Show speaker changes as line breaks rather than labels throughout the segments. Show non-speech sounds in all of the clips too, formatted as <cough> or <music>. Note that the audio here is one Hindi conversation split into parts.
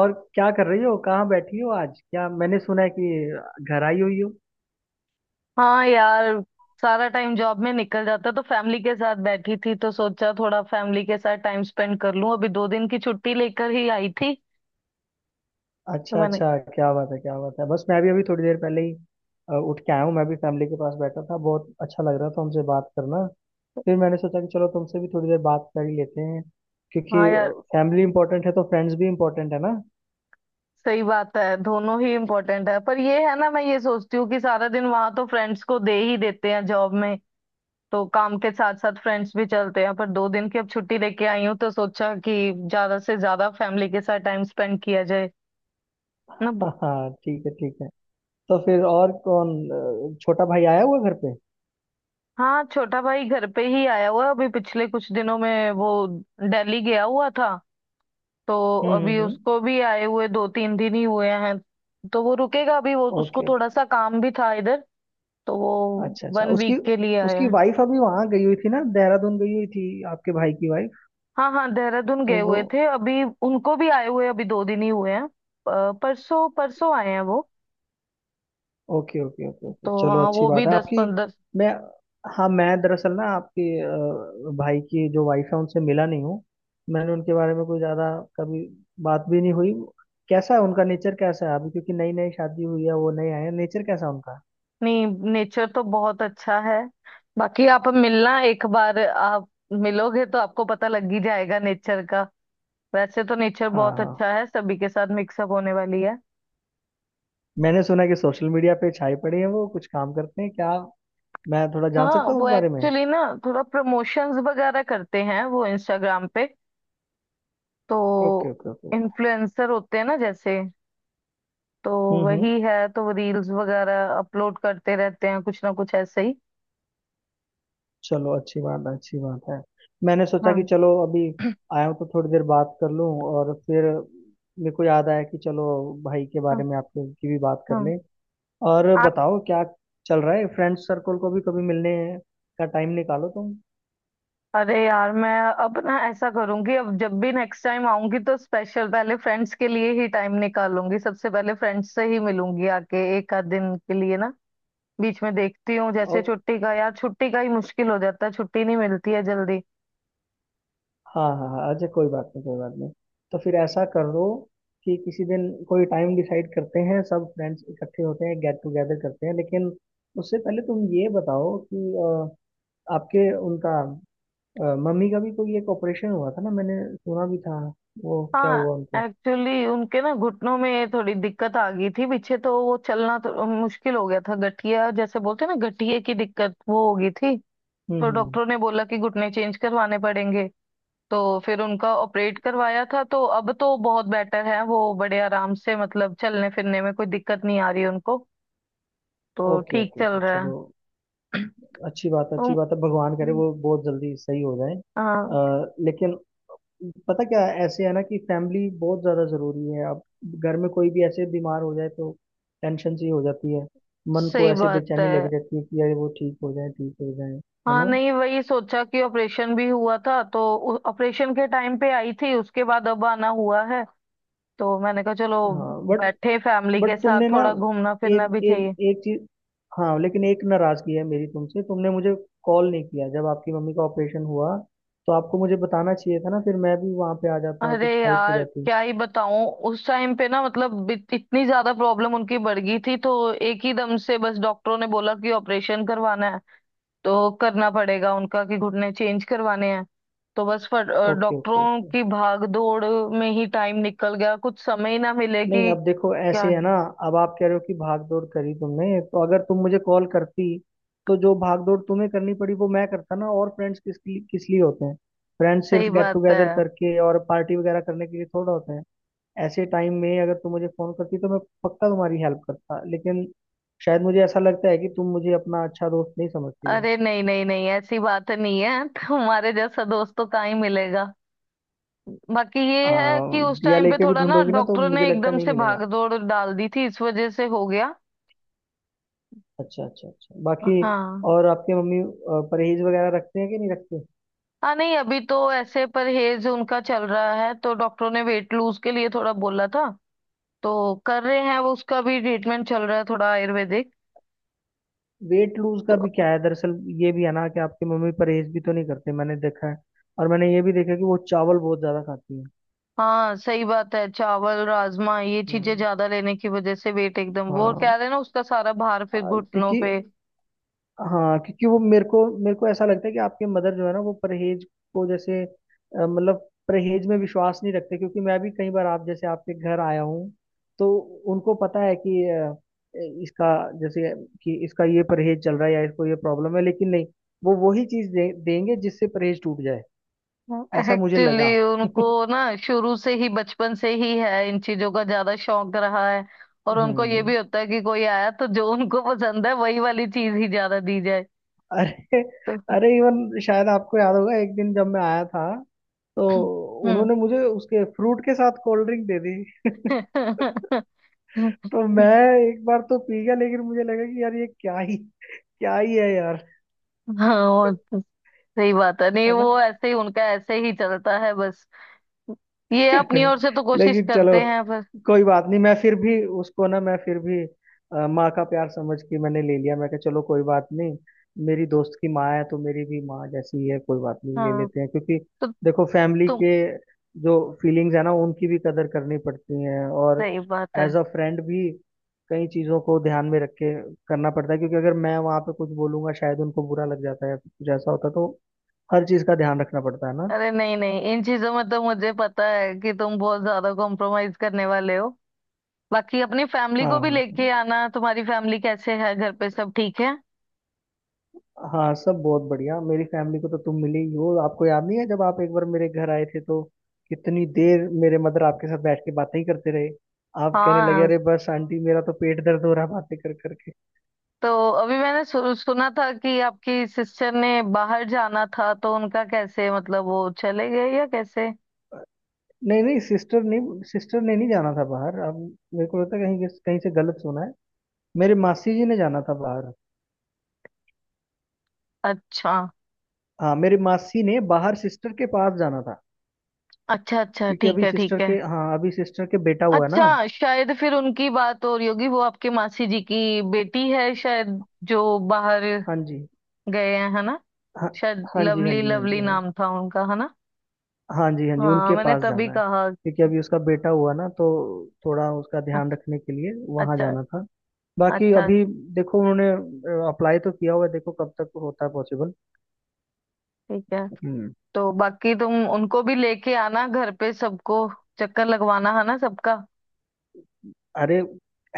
और क्या कर रही हो? कहाँ बैठी हो आज? क्या मैंने सुना है कि घर आई हुई हो?
हाँ यार। सारा टाइम जॉब में निकल जाता तो फैमिली के साथ बैठी थी, तो सोचा थोड़ा फैमिली के साथ टाइम स्पेंड कर लूं। अभी 2 दिन की छुट्टी लेकर ही आई थी। तो
अच्छा
मैंने।
अच्छा, क्या बात है, क्या बात है। बस मैं भी अभी थोड़ी देर पहले ही उठ के आया हूँ। मैं भी फैमिली के पास बैठा था, बहुत अच्छा लग रहा था हमसे बात करना। फिर मैंने सोचा कि चलो तुमसे भी थोड़ी देर बात कर ही लेते हैं, क्योंकि
हाँ यार।
फैमिली इंपॉर्टेंट है तो फ्रेंड्स भी इंपॉर्टेंट है ना।
सही बात है। दोनों ही इम्पोर्टेंट है पर ये है ना, मैं ये सोचती हूँ कि सारा दिन वहां तो फ्रेंड्स को दे ही देते हैं जॉब में। तो काम के साथ साथ फ्रेंड्स भी चलते हैं, पर दो दिन की अब छुट्टी लेके आई हूँ तो सोचा कि ज्यादा से ज्यादा फैमिली के साथ टाइम स्पेंड किया जाए ना।
<laughs> हाँ हाँ, ठीक है ठीक है। तो फिर और कौन, छोटा भाई आया हुआ घर पे?
हाँ, छोटा भाई घर पे ही आया हुआ है। अभी पिछले कुछ दिनों में वो दिल्ली गया हुआ था। तो अभी
हम्म।
उसको भी आए हुए 2-3 दिन ही हुए हैं। तो वो रुकेगा अभी, वो उसको
ओके।
थोड़ा सा काम भी था इधर। तो वो
अच्छा अच्छा,
वन
उसकी
वीक के लिए आया
उसकी
है।
वाइफ अभी वहां गई हुई थी ना, देहरादून गई हुई थी, आपके भाई की वाइफ?
हाँ हाँ, देहरादून
तो
गए
वो
हुए थे, अभी उनको भी आए हुए अभी 2 दिन ही हुए हैं। परसों परसों आए हैं वो।
ओके ओके ओके ओके,
तो
चलो
हाँ
अच्छी
वो भी
बात है।
दस
आपकी
पंद्रह
मैं, हाँ मैं दरअसल ना आपके भाई की जो वाइफ है उनसे मिला नहीं हूँ। मैंने उनके बारे में कोई ज्यादा कभी बात भी नहीं हुई। कैसा है उनका नेचर, कैसा है अभी, क्योंकि नई नई शादी हुई है, वो नए आए हैं, नेचर कैसा है उनका?
नहीं, नेचर तो बहुत अच्छा है। बाकी आप मिलना, एक बार आप मिलोगे तो आपको पता लग ही जाएगा नेचर का। वैसे तो नेचर
हाँ
बहुत
हाँ,
अच्छा है, सभी के साथ मिक्सअप होने वाली है।
मैंने सुना है कि सोशल मीडिया पे छाई पड़ी है वो, कुछ काम करते हैं क्या? मैं थोड़ा जान
हाँ,
सकता हूँ
वो
उस बारे में?
एक्चुअली ना थोड़ा प्रमोशंस वगैरह करते हैं वो, इंस्टाग्राम पे। तो
okay okay okay okay.
Influencer होते हैं ना जैसे। तो
हम्म।
वही है। तो वो रील्स वगैरह अपलोड करते रहते हैं, कुछ ना कुछ ऐसे ही।
चलो अच्छी बात है, अच्छी बात है। मैंने सोचा कि
हाँ।
चलो अभी आया हूँ तो थोड़ी देर बात कर लूँ, और फिर मेरे को याद आया कि चलो भाई के
<clears throat>
बारे
हाँ।
में आपके की भी बात कर
हाँ।
लें। और बताओ क्या चल रहा है? फ्रेंड सर्कल को भी कभी मिलने का टाइम निकालो तुम।
अरे यार, मैं अब ना ऐसा करूंगी। अब जब भी नेक्स्ट टाइम आऊंगी तो स्पेशल पहले फ्रेंड्स के लिए ही टाइम निकालूंगी, सबसे पहले फ्रेंड्स से ही मिलूंगी आके एक आध दिन के लिए ना। बीच में देखती हूँ जैसे
और
छुट्टी का, यार छुट्टी का ही मुश्किल हो जाता है, छुट्टी नहीं मिलती है जल्दी।
हाँ हाँ हाँ, अच्छा कोई बात नहीं, कोई बात नहीं। तो फिर ऐसा कर लो कि किसी दिन कोई टाइम डिसाइड करते हैं, सब फ्रेंड्स इकट्ठे होते हैं, गेट टुगेदर करते हैं। लेकिन उससे पहले तुम ये बताओ कि आपके उनका मम्मी का भी कोई एक ऑपरेशन हुआ था ना, मैंने सुना भी था। वो क्या
हाँ,
हुआ उनको?
एक्चुअली उनके ना घुटनों में थोड़ी दिक्कत आ गई थी पीछे, तो वो चलना तो मुश्किल हो गया था। गठिया जैसे बोलते हैं ना, गठिए की दिक्कत वो हो गई थी। तो
हम्म।
डॉक्टरों ने बोला कि घुटने चेंज करवाने पड़ेंगे। तो फिर उनका ऑपरेट करवाया था, तो अब तो बहुत बेटर है वो, बड़े आराम से, मतलब चलने फिरने में कोई दिक्कत नहीं आ रही उनको। तो
ओके
ठीक
ओके
चल
ओके,
रहा
चलो
है।
अच्छी बात है,
तो
अच्छी बात है। भगवान करे वो बहुत जल्दी सही हो जाए,
हाँ
लेकिन पता क्या है, ऐसे है ना कि फैमिली बहुत ज़्यादा ज़रूरी है। अब घर में कोई भी ऐसे बीमार हो जाए तो टेंशन सी हो जाती है, मन को
सही
ऐसे
बात
बेचैनी
है।
लगी रहती है कि यार वो ठीक हो जाए, ठीक हो जाए। है
हाँ
ना?
नहीं, वही सोचा कि ऑपरेशन भी हुआ था तो। ऑपरेशन के टाइम पे आई थी, उसके बाद अब आना हुआ है। तो मैंने कहा चलो
हाँ,
बैठे फैमिली
बट
के साथ,
तुमने ना,
थोड़ा घूमना
एक
फिरना भी
एक
चाहिए।
एक चीज, हाँ लेकिन एक नाराजगी है मेरी तुमसे। तुमने मुझे कॉल नहीं किया जब आपकी मम्मी का ऑपरेशन हुआ। तो आपको मुझे बताना चाहिए था ना, फिर मैं भी वहाँ पे आ जाता,
अरे
कुछ हेल्प हो
यार,
जाती।
क्या ही बताऊं। उस टाइम पे ना मतलब इतनी ज्यादा प्रॉब्लम उनकी बढ़ गई थी, तो एक ही दम से बस डॉक्टरों ने बोला कि ऑपरेशन करवाना है, तो करना पड़ेगा उनका, कि घुटने चेंज करवाने हैं। तो बस
ओके ओके
डॉक्टरों
ओके।
की भाग दौड़ में ही टाइम निकल गया। कुछ समय ही ना मिले
नहीं,
कि
अब देखो
क्या।
ऐसे है ना, अब आप कह रहे हो कि भाग दौड़ करी तुमने, तो अगर तुम मुझे कॉल करती तो जो भाग दौड़ तुम्हें करनी पड़ी वो मैं करता ना। और फ्रेंड्स किस लिए, किस लिए होते हैं? फ्रेंड्स सिर्फ
सही
गेट
बात है।
टुगेदर करके और पार्टी वगैरह करने के लिए थोड़ा होते हैं। ऐसे टाइम में अगर तुम मुझे फोन करती तो मैं पक्का तुम्हारी हेल्प करता, लेकिन शायद मुझे ऐसा लगता है कि तुम मुझे अपना अच्छा दोस्त नहीं समझती हो।
अरे नहीं नहीं नहीं, ऐसी बात नहीं है। <laughs> तुम्हारे जैसा दोस्त तो कहाँ ही मिलेगा। बाकी
आ,
ये है कि उस
दिया
टाइम पे
लेके भी
थोड़ा ना
ढूंढोगी ना तो
डॉक्टरों
मुझे
ने
लगता
एकदम
नहीं
से भाग
मिलेगा।
दौड़ डाल दी थी, इस वजह से हो गया।
अच्छा अच्छा अच्छा,
हाँ
बाकी
हाँ।
और आपके मम्मी परहेज वगैरह रखते हैं कि नहीं रखते?
नहीं, अभी तो ऐसे परहेज उनका चल रहा है, तो डॉक्टरों ने वेट लूज के लिए थोड़ा बोला था, तो कर रहे हैं वो। उसका भी ट्रीटमेंट चल रहा है, थोड़ा आयुर्वेदिक।
वेट लूज का
तो
भी क्या है दरअसल, ये भी है ना कि आपकी मम्मी परहेज भी तो नहीं करते, मैंने देखा है। और मैंने ये भी देखा कि वो चावल बहुत ज्यादा खाती है।
हाँ, सही बात है। चावल राजमा, ये चीजें
हम्म।
ज्यादा लेने की वजह से वेट एकदम, वो
हाँ।
कह रहे हैं ना, उसका सारा भार
आ,
फिर घुटनों
क्योंकि
पे।
हाँ, क्योंकि वो मेरे को ऐसा लगता है कि आपके मदर जो है ना वो परहेज को जैसे मतलब परहेज में विश्वास नहीं रखते। क्योंकि मैं भी कई बार आप जैसे आपके घर आया हूँ तो उनको पता है कि इसका जैसे कि इसका ये परहेज चल रहा है या इसको ये प्रॉब्लम है, लेकिन नहीं, वो वही चीज देंगे जिससे परहेज टूट जाए। ऐसा मुझे
एक्चुअली
लगा। <laughs>
उनको ना शुरू से ही बचपन से ही है, इन चीजों का ज्यादा शौक रहा है। और उनको ये
हम्म।
भी होता है कि कोई आया तो जो उनको पसंद है वही वाली चीज ही ज्यादा दी जाए।
अरे
तो
अरे, इवन शायद आपको याद होगा एक दिन जब मैं आया था तो
हम्म।
उन्होंने मुझे उसके फ्रूट के साथ कोल्ड ड्रिंक दे दी। <laughs> तो मैं
<laughs>
एक बार तो पी गया, लेकिन मुझे लगा कि यार ये क्या ही, क्या ही है यार।
हाँ, वो तो सही बात है। नहीं
है ना?
वो ऐसे ही उनका, ऐसे ही चलता है बस। ये अपनी
<laughs>
ओर से तो कोशिश
लेकिन चलो,
करते हैं पर।
कोई बात नहीं, मैं फिर भी उसको ना, मैं फिर भी माँ का प्यार समझ के मैंने ले लिया। मैं कहा चलो कोई बात नहीं, मेरी दोस्त की माँ है तो मेरी भी माँ जैसी ही है, कोई बात नहीं ले
हाँ।
लेते हैं। क्योंकि
तो
देखो फैमिली
तुम।
के जो फीलिंग्स है ना, उनकी भी कदर करनी पड़ती है। और
सही बात है।
एज अ फ्रेंड भी कई चीज़ों को ध्यान में रख के करना पड़ता है, क्योंकि अगर मैं वहाँ पे कुछ बोलूंगा शायद उनको बुरा लग जाता है या कुछ ऐसा होता है, तो हर चीज़ का ध्यान रखना पड़ता है ना।
अरे नहीं नहीं, इन चीजों में तो मुझे पता है कि तुम बहुत ज्यादा कॉम्प्रोमाइज करने वाले हो। बाकी अपनी फैमिली
हाँ
को भी लेके
हाँ,
आना, तुम्हारी फैमिली कैसे है, घर पे सब ठीक है?
हाँ सब बहुत बढ़िया। मेरी फैमिली को तो तुम मिले ही हो, आपको याद नहीं है जब आप एक बार मेरे घर आए थे तो कितनी देर मेरे मदर आपके साथ बैठ के बातें ही करते रहे। आप कहने लगे,
हाँ,
अरे बस आंटी, मेरा तो पेट दर्द हो रहा है बातें कर करके।
तो अभी मैंने सुना था कि आपकी सिस्टर ने बाहर जाना था, तो उनका कैसे, मतलब वो चले गए या कैसे?
नहीं नहीं, सिस्टर ने नहीं जाना था बाहर। अब मेरे को लगता है कहीं कहीं से गलत सुना है। मेरे मासी जी ने जाना था बाहर।
अच्छा
हाँ मेरे मासी ने बाहर सिस्टर के पास जाना था,
अच्छा अच्छा,
क्योंकि
ठीक
अभी
है ठीक
सिस्टर के,
है।
हाँ अभी सिस्टर के बेटा हुआ ना।
अच्छा शायद फिर उनकी बात हो रही होगी, वो आपके मासी जी की बेटी है शायद, जो बाहर
हाँ जी
गए हैं, है ना।
हाँ,
शायद
हाँ जी हाँ
लवली,
जी हाँ
लवली
जी हाँ जी
नाम था उनका, है ना।
हाँ जी हाँ जी,
हाँ,
उनके
मैंने
पास
तभी
जाना है
कहा।
क्योंकि अभी उसका बेटा हुआ ना, तो थोड़ा उसका
अच्छा
ध्यान रखने के लिए वहां
अच्छा
जाना था। बाकी
अच्छा
अभी देखो, उन्होंने अप्लाई तो किया हुआ है, देखो कब तक होता है पॉसिबल।
ठीक है।
हम्म।
तो बाकी तुम उनको भी लेके आना घर पे, सबको चक्कर लगवाना है ना सबका।
अरे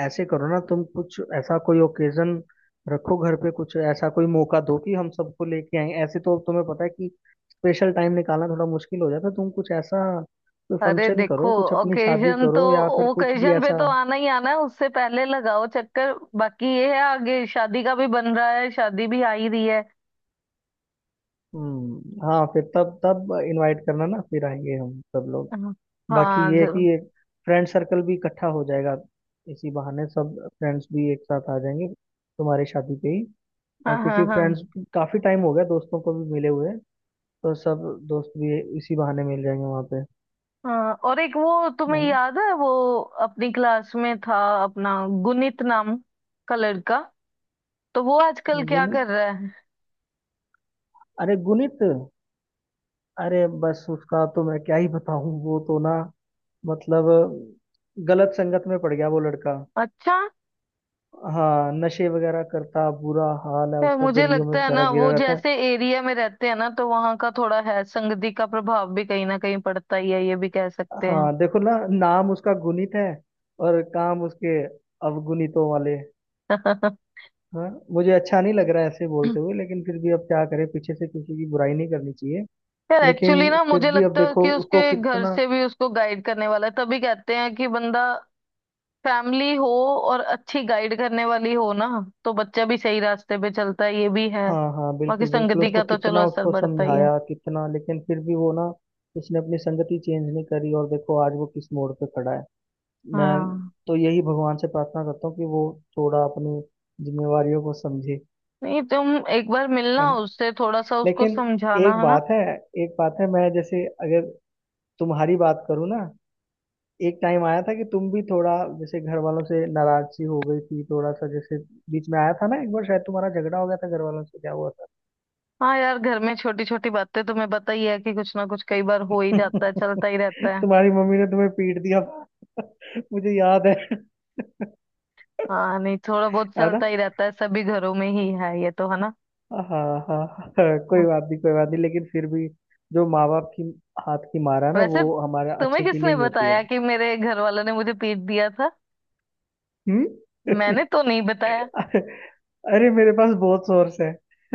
ऐसे करो ना तुम, कुछ ऐसा कोई ओकेजन रखो घर पे, कुछ ऐसा कोई मौका दो कि हम सबको लेके आए। ऐसे तो तुम्हें पता है कि स्पेशल टाइम निकालना थोड़ा मुश्किल हो जाता है। तुम कुछ ऐसा कोई
अरे
फंक्शन
देखो,
करो, कुछ अपनी शादी
ओकेजन तो,
करो या फिर कुछ भी
ओकेजन पे
ऐसा।
तो आना ही आना है, उससे पहले लगाओ चक्कर। बाकी ये है, आगे शादी का भी बन रहा है, शादी भी आ ही रही है।
हाँ, फिर तब तब इनवाइट करना ना, फिर आएंगे हम सब लोग।
हाँ
बाकी
हाँ,
ये है कि
जरूर।
एक फ्रेंड सर्कल भी इकट्ठा हो जाएगा, इसी बहाने सब फ्रेंड्स भी एक साथ आ जाएंगे तुम्हारी शादी पे ही। और
हाँ
क्योंकि
हाँ हाँ
फ्रेंड्स, काफी टाइम हो गया दोस्तों को भी मिले हुए, तो सब दोस्त भी इसी बहाने मिल जाएंगे वहाँ पे।
हाँ। और एक, वो तुम्हें
हाँ,
याद है वो अपनी क्लास में था, अपना गुनीत नाम का लड़का, तो वो आजकल क्या
गुणित,
कर रहा है?
अरे गुणित, अरे बस उसका तो मैं क्या ही बताऊँ, वो तो ना मतलब गलत संगत में पड़ गया वो लड़का।
अच्छा।
हाँ नशे वगैरह करता, बुरा हाल है
है,
उसका,
मुझे
गलियों में
लगता है
बेचारा
ना
गिरा
वो
रहता है।
जैसे एरिया में रहते हैं ना, तो वहां का थोड़ा है, संगति का प्रभाव भी कहीं ना कहीं पड़ता ही है, ये भी कह सकते हैं।
हाँ देखो ना, नाम उसका गुणित है और काम उसके अवगुणितों वाले।
<laughs>
हाँ मुझे अच्छा नहीं लग रहा है ऐसे बोलते हुए, लेकिन फिर भी अब क्या करें, पीछे से किसी की बुराई नहीं करनी चाहिए।
यार,
लेकिन
एक्चुअली ना
फिर
मुझे
भी अब
लगता है
देखो
कि
उसको
उसके घर
कितना,
से भी उसको गाइड करने वाला है। तभी कहते हैं कि बंदा फैमिली हो और अच्छी गाइड करने वाली हो ना, तो बच्चा भी सही रास्ते पे चलता है, ये भी है।
हाँ हाँ
बाकी
बिल्कुल बिल्कुल,
संगति
उसको
का तो चलो
कितना
असर
उसको
पड़ता ही है।
समझाया कितना, लेकिन फिर भी वो ना, उसने अपनी संगति चेंज नहीं करी और देखो आज वो किस मोड़ पे खड़ा है। मैं
हाँ
तो यही भगवान से प्रार्थना करता हूँ कि वो थोड़ा अपनी जिम्मेवारियों को समझे।
नहीं, तुम एक बार
है
मिलना
ना?
उससे, थोड़ा सा उसको
लेकिन
समझाना
एक
है ना।
बात है, एक बात है। मैं जैसे अगर तुम्हारी बात करूँ ना, एक टाइम आया था कि तुम भी थोड़ा जैसे घर वालों से नाराज सी हो गई थी, थोड़ा सा जैसे बीच में आया था ना एक बार, शायद तुम्हारा झगड़ा हो गया था घर वालों से, क्या हुआ था?
हाँ यार, घर में छोटी छोटी बातें तुम्हें पता ही है कि कुछ ना कुछ कई बार हो ही जाता है,
<laughs>
चलता ही रहता है।
तुम्हारी मम्मी ने तुम्हें पीट दिया था। <laughs> मुझे याद है। <laughs>
हाँ नहीं, थोड़ा बहुत
है ना?
चलता ही रहता है, सभी घरों में ही है ये तो, है ना।
हाँ हाँ हाँ, हाँ, कोई
हाँ।
बात नहीं, कोई बात नहीं, लेकिन फिर भी जो माँ बाप की हाथ की मारा ना
वैसे
वो हमारे
तुम्हें
अच्छे के लिए
किसने
ही होती है।
बताया कि मेरे घर वालों ने मुझे पीट दिया था? मैंने
हम्म।
तो नहीं बताया।
<laughs> अरे मेरे पास बहुत सोर्स है। <laughs>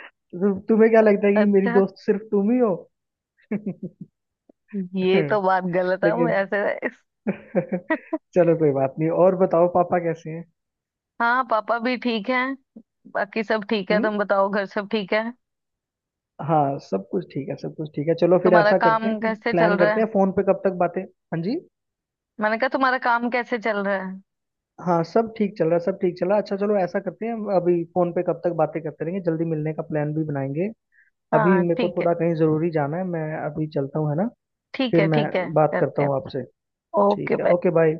तुम्हें क्या लगता है कि मेरी
अच्छा,
दोस्त सिर्फ तुम ही हो? <laughs>
ये तो बात गलत है, वो
लेकिन
ऐसे।
<laughs>
<laughs>
चलो कोई बात नहीं। और बताओ पापा कैसे हैं?
हाँ, पापा भी ठीक है, बाकी सब ठीक है।
हम्म।
तुम बताओ, घर सब ठीक है?
हाँ सब कुछ ठीक है, सब कुछ ठीक है। चलो फिर
तुम्हारा
ऐसा करते हैं
काम
कि
कैसे
प्लान
चल रहा
करते
है?
हैं, फोन पे कब तक बातें। हाँ जी,
मैंने कहा तुम्हारा काम कैसे चल रहा है?
हाँ सब ठीक चल रहा है, सब ठीक चल रहा है। अच्छा चलो ऐसा करते हैं, हम अभी फोन पे कब तक बातें करते रहेंगे, जल्दी मिलने का प्लान भी बनाएंगे। अभी
हाँ,
मेरे को
ठीक है,
थोड़ा कहीं जरूरी जाना है, मैं अभी चलता हूँ, है ना?
ठीक
फिर
है,
मैं
ठीक है,
बात करता
करते हैं।
हूँ आपसे।
ओके
ठीक है,
बाय।
Okay bye.